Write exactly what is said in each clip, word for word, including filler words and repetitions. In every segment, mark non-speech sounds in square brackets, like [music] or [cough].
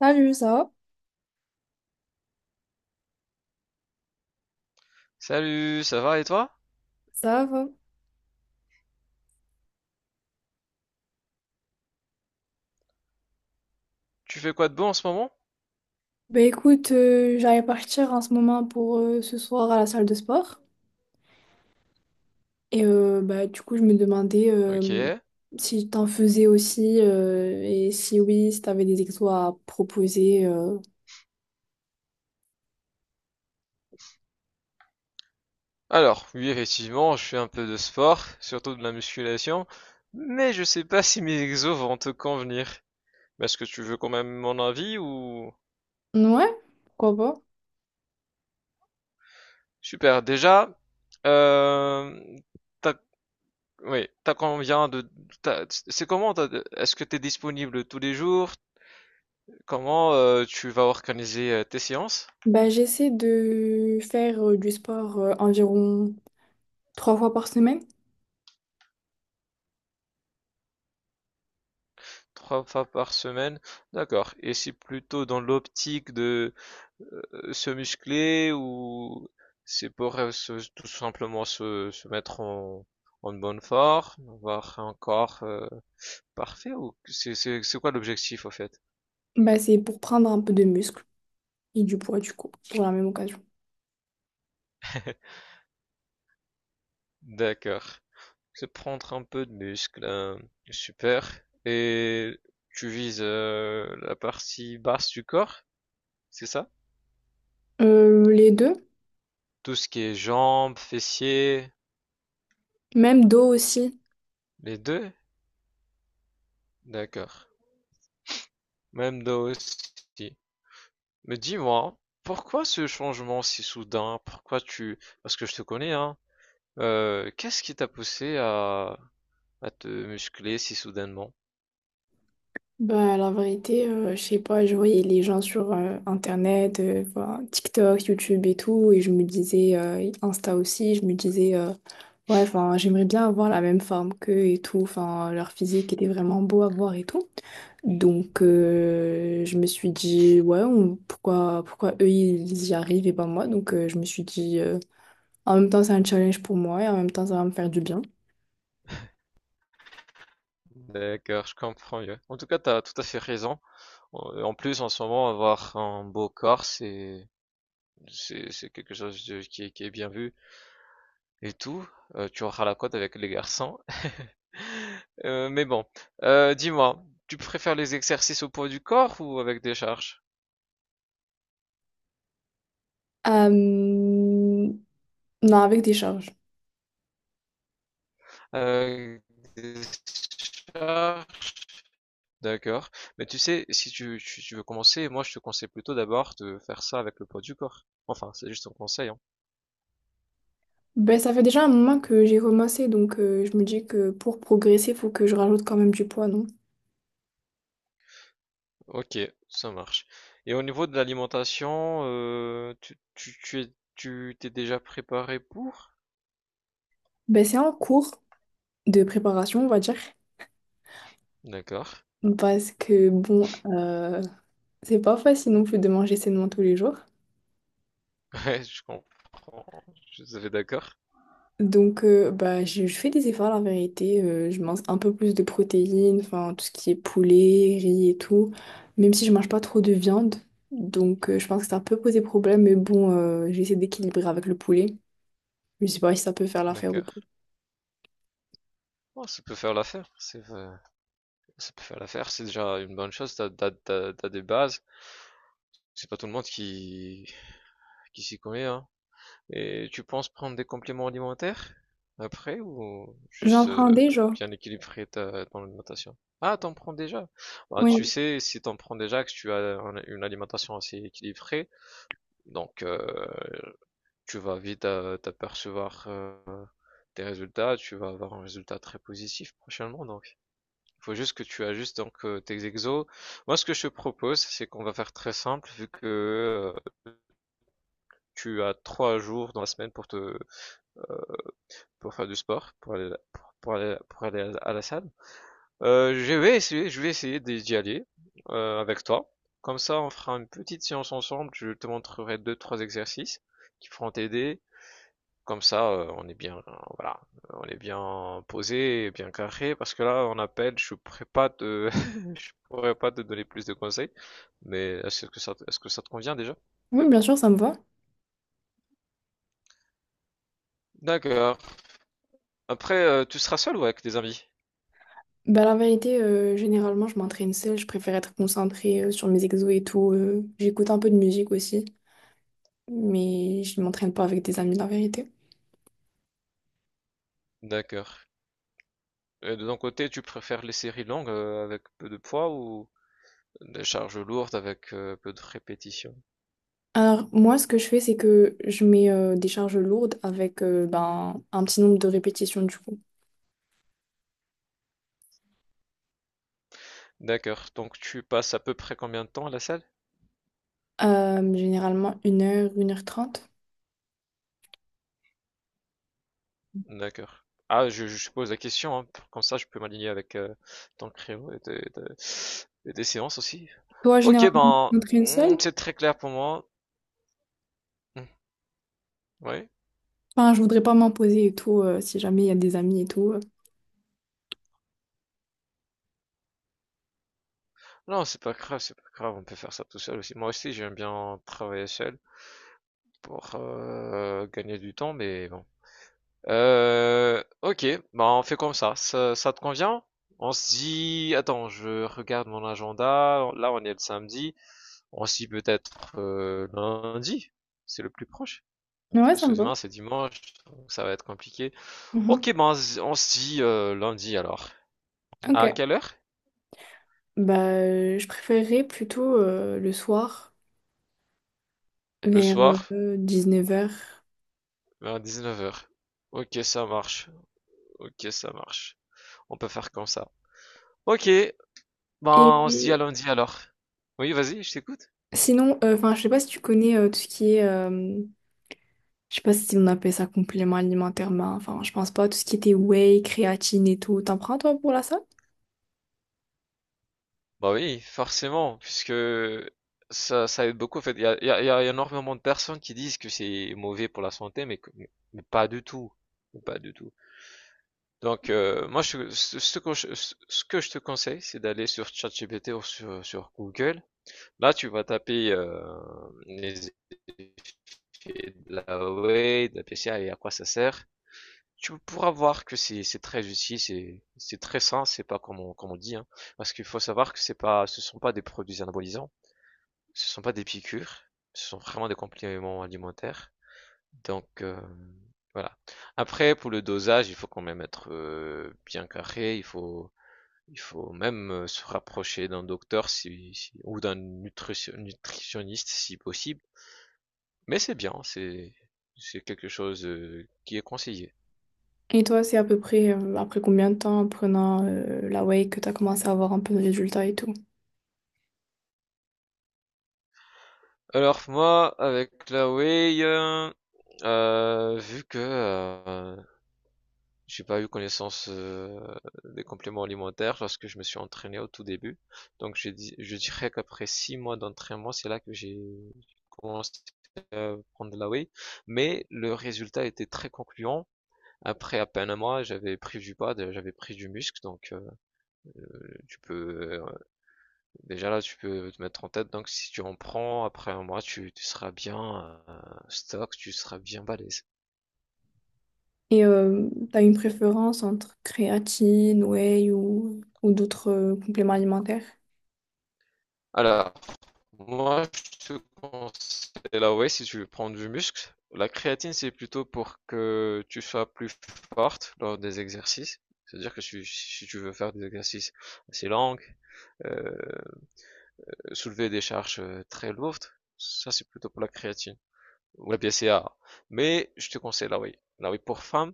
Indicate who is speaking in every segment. Speaker 1: Salut, ça va?
Speaker 2: Salut, ça va et toi?
Speaker 1: Ça va.
Speaker 2: Tu fais quoi de beau en ce moment?
Speaker 1: Bah écoute, euh, j'allais partir en ce moment pour euh, ce soir à la salle de sport. Et euh, bah, du coup, je me demandais euh,
Speaker 2: Ok.
Speaker 1: si t'en faisais aussi euh, et si oui, si t'avais des exos à proposer. euh.
Speaker 2: Alors, oui, effectivement, je fais un peu de sport, surtout de la musculation, mais je sais pas [laughs] si mes exos vont te convenir. Est-ce que tu veux quand même mon avis ou?
Speaker 1: Ouais, pourquoi pas?
Speaker 2: Super, déjà, euh, t'as, oui, t'as combien de... t'as- c'est comment, t'as- est-ce que t'es disponible tous les jours? Comment euh, tu vas organiser euh, tes séances?
Speaker 1: Bah, j'essaie de faire euh, du sport euh, environ trois fois par semaine.
Speaker 2: Trois fois par semaine? D'accord. Et c'est plutôt dans l'optique de euh, se muscler ou c'est pour euh, se- tout simplement se, se mettre en, en bonne forme, avoir un corps euh, parfait ou c'est c'est- c'est quoi l'objectif au fait?
Speaker 1: Bah, c'est pour prendre un peu de muscle et du poids, du coup, pour la même occasion.
Speaker 2: [laughs] D'accord. C'est prendre un peu de muscle, hein. Super. Et tu vises euh, la partie basse du corps, c'est ça?
Speaker 1: Euh, les deux,
Speaker 2: Tout ce qui est jambes, fessiers,
Speaker 1: même dos aussi.
Speaker 2: les deux? D'accord. Même dos aussi. Mais dis-moi, pourquoi ce changement si soudain? Pourquoi tu. Parce que je te connais, hein. Euh, qu'est-ce qui t'a poussé à, à te muscler si soudainement?
Speaker 1: Bah, la vérité, euh, je sais pas, je voyais les gens sur euh, Internet, euh, voilà, TikTok, YouTube et tout, et je me disais, euh, Insta aussi, je me disais, euh, ouais, enfin, j'aimerais bien avoir la même forme qu'eux et tout, enfin, leur physique était vraiment beau à voir et tout. Donc, euh, je me suis dit, ouais, on- pourquoi, pourquoi eux, ils y arrivent et pas moi? Donc, euh, je me suis dit, euh, en même temps, c'est un challenge pour moi et en même temps, ça va me faire du bien.
Speaker 2: D'accord, je comprends mieux. En tout cas, t'as tout à fait raison. En en plus, en ce moment, avoir un beau corps, c'est, c'est, c'est quelque chose de- qui, est qui est bien vu et tout. Euh, tu auras la cote avec les garçons. [laughs] Euh, mais bon. Euh, dis-moi, tu préfères les exercices au poids du corps ou avec des charges?
Speaker 1: Euh, non, avec des charges.
Speaker 2: Euh, Ah, d'accord. Mais tu sais, si tu, tu, tu veux commencer, moi je te conseille plutôt d'abord de faire ça avec le poids du corps. Enfin, c'est juste un conseil, hein.
Speaker 1: Ben, ça fait déjà un moment que j'ai commencé, donc euh, je me dis que pour progresser, il faut que je rajoute quand même du poids, non?
Speaker 2: Ok, ça marche. Et au niveau de l'alimentation, euh, tu, tu, tu es, tu t'es déjà préparé pour?
Speaker 1: Ben, c'est en cours de préparation, on va dire,
Speaker 2: D'accord.
Speaker 1: parce que bon, euh, c'est pas facile non plus de manger sainement tous les jours.
Speaker 2: [laughs] Ouais, je comprends. Je suis d'accord.
Speaker 1: Donc, euh, bah, je, je fais des efforts, la vérité. euh, Je mange un peu plus de protéines, enfin, tout ce qui est poulet, riz et tout, même si je mange pas trop de viande. Donc, euh, je pense que ça peut poser problème, mais bon, euh, j'essaie d'équilibrer avec le poulet. Je sais pas si ça peut faire l'affaire ou
Speaker 2: D'accord.
Speaker 1: pas.
Speaker 2: Oh, ça peut faire l'affaire. C'est, euh, ça peut faire l'affaire. C'est déjà une bonne chose. T'as, t'as, t'as, t'as des bases. C'est pas tout le monde qui, qui s'y connaît, hein. Et tu penses prendre des compléments alimentaires après ou
Speaker 1: J'en
Speaker 2: juste euh,
Speaker 1: prends déjà,
Speaker 2: bien équilibrer ta, ton alimentation? Ah, t'en prends déjà. Bah, tu
Speaker 1: Oui,
Speaker 2: sais, si t'en prends déjà, que tu as un- une alimentation assez équilibrée, donc euh, tu vas vite euh, t'apercevoir euh, tes résultats, tu vas avoir un résultat très positif prochainement. Donc, il faut juste que tu ajustes donc euh, tes exos. Moi, ce que je te propose, c'est qu'on va faire très simple, vu que euh, tu as trois jours dans la semaine pour te pour faire du sport, pour aller, à- pour, pour aller, pour aller à la- salle. Euh, je vais essayer, je vais essayer d'y aller euh, avec toi. Comme ça, on fera une petite séance ensemble. Je te montrerai deux, trois exercices qui feront t'aider. Comme ça, euh, on est bien, euh, voilà, on est bien posé, bien carré. Parce que là, on appelle, je pourrais pas te, [laughs] je pourrais pas te donner plus de conseils. Mais est-ce que ça, est-ce que ça te convient déjà?
Speaker 1: oui, bien sûr, ça me va.
Speaker 2: D'accord. Après, euh, tu seras seul ou avec des amis?
Speaker 1: Bah, la vérité, euh, généralement, je m'entraîne seule. Je préfère être concentrée euh, sur mes exos et tout. euh, J'écoute un peu de musique aussi, mais je ne m'entraîne pas avec des amis, la vérité.
Speaker 2: D'accord. Et de ton côté, tu préfères les séries longues euh, avec peu de poids ou des charges lourdes avec euh, peu de répétitions?
Speaker 1: Alors, moi, ce que je fais, c'est que je mets euh, des charges lourdes avec euh, ben, un petit nombre de répétitions, du coup.
Speaker 2: D'accord. Donc tu passes à peu près combien de temps à la salle?
Speaker 1: Euh, généralement, une heure, une heure trente.
Speaker 2: D'accord. Ah, je, je pose la question, hein, pour- comme ça je peux m'aligner avec euh, ton créneau et tes, tes- et tes séances aussi.
Speaker 1: Toi,
Speaker 2: Ok,
Speaker 1: généralement, tu
Speaker 2: ben,
Speaker 1: t'entraînes seule?
Speaker 2: hmm, c'est très clair pour moi. Hmm, oui.
Speaker 1: Enfin, je voudrais pas m'imposer et tout, euh, si jamais il y a des amis et tout. euh.
Speaker 2: Non, c'est pas grave, c'est pas grave, on peut faire ça tout seul aussi. Moi aussi, j'aime bien travailler seul pour euh, gagner du temps, mais bon. Euh, ok, bah on fait comme ça. Ça, ça te convient? On se dit, attends, je regarde mon agenda. Là, on est le samedi. On se dit peut-être euh, lundi. C'est le plus proche.
Speaker 1: Ouais,
Speaker 2: Parce
Speaker 1: ça
Speaker 2: que
Speaker 1: me va.
Speaker 2: demain, c'est dimanche, donc ça va être compliqué.
Speaker 1: Mhm.
Speaker 2: Ok, bah on se on se dit euh, lundi alors. À
Speaker 1: Ok.
Speaker 2: quelle heure?
Speaker 1: Bah, euh, je préférerais plutôt euh, le soir,
Speaker 2: Le
Speaker 1: vers
Speaker 2: soir,
Speaker 1: euh, dix-neuf heures.
Speaker 2: vers dix-neuf heures. Ok, ça marche. Ok, ça marche. On peut faire comme ça. Ok, ben on se dit à
Speaker 1: Et
Speaker 2: lundi alors. Oui, vas-y, je t'écoute.
Speaker 1: sinon, euh, enfin, je sais pas si tu connais euh, tout ce qui est euh, Je sais pas si on appelle ça complément alimentaire, mais enfin, je pense pas. Tout ce qui était whey, créatine et tout. T'en prends, toi, pour la salle?
Speaker 2: Bah oui, forcément, puisque ça, ça aide beaucoup. En fait, il y a, il y a- il y a énormément de personnes qui disent que c'est mauvais pour la santé, mais, que- mais pas du tout. Mais pas du tout. Donc, euh, moi, je, ce, ce que je, ce- ce que je te conseille, c'est d'aller sur ChatGPT ou sur, sur Google. Là, tu vas taper euh, les effets de la whey, de la P C A et à quoi ça sert. Tu pourras voir que c'est c'est très utile, c'est c'est très sain, c'est pas comme on, comme on dit, hein. Parce qu'il faut savoir que c'est pas, ce sont pas des produits anabolisants. Ce sont pas des piqûres, ce sont vraiment des compléments alimentaires. Donc euh, voilà. Après, pour le dosage, il faut quand même être euh, bien carré. Il faut, il faut même euh, se rapprocher d'un docteur si, si- ou d'un nutritionniste si possible. Mais c'est bien, c'est, c'est quelque chose euh, qui est conseillé.
Speaker 1: Et toi, c'est à peu près euh, après combien de temps en prenant euh, la whey que t'as commencé à avoir un peu de résultats et tout?
Speaker 2: Alors moi, avec la whey, euh, euh, vu que euh, J'ai pas eu connaissance euh, des compléments alimentaires lorsque je me suis entraîné au tout début. Donc j'ai dit, je dirais qu'après six mois d'entraînement, c'est là que j'ai commencé à prendre de la whey. Mais le résultat était très concluant. Après à peine un mois, j'avais pris du poids, de- j'avais pris du muscle, donc euh, tu peux euh, déjà là tu peux te mettre en tête. Donc si tu en prends après un mois, tu, tu seras bien euh, stock, tu seras bien balèze.
Speaker 1: Et euh, t'as une préférence entre créatine, whey ou, ou d'autres euh, compléments alimentaires?
Speaker 2: Alors moi, je te conseille là, whey si tu veux prendre du muscle. La créatine, c'est plutôt pour que tu sois plus forte lors des exercices. C'est-à-dire que tu- si tu veux faire des exercices assez longs, euh, soulever des charges euh, très lourdes, ça c'est plutôt pour la créatine ou la B C A A. Mais je te conseille la whey. La whey pour femme,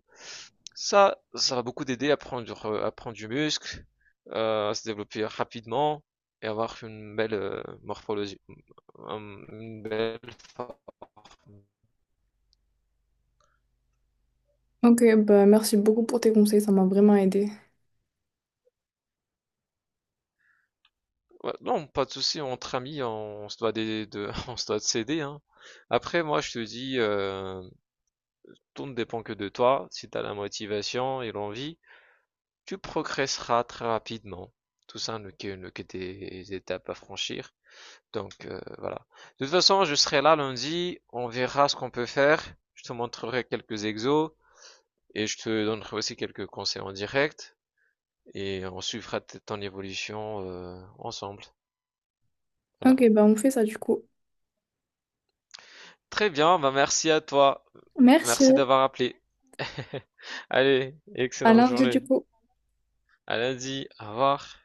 Speaker 2: ça, ça va beaucoup t'aider à prendre, euh, à prendre du muscle, euh, à se développer rapidement et avoir une belle euh, morphologie. Une belle
Speaker 1: Ok, bah merci beaucoup pour tes conseils, ça m'a vraiment aidé.
Speaker 2: Ouais, non, pas de souci, entre amis, on se doit des- de, [laughs] on se doit de s'aider, hein. Après, moi, je te dis, euh, tout ne dépend que de toi. Si tu as la motivation et l'envie, tu progresseras très rapidement. Tout ça n'est que, n'est que des étapes à franchir. Donc euh, voilà. De toute façon, je serai là lundi, on verra ce qu'on peut faire. Je te montrerai quelques exos et je te donnerai aussi quelques conseils en direct et on suivra ton évolution euh, ensemble. Voilà.
Speaker 1: Ok, bah on fait ça du coup.
Speaker 2: Très bien, bah merci à toi.
Speaker 1: Merci.
Speaker 2: Merci d'avoir appelé. [laughs] Allez,
Speaker 1: À
Speaker 2: excellente
Speaker 1: lundi du
Speaker 2: journée.
Speaker 1: coup.
Speaker 2: À lundi, au revoir.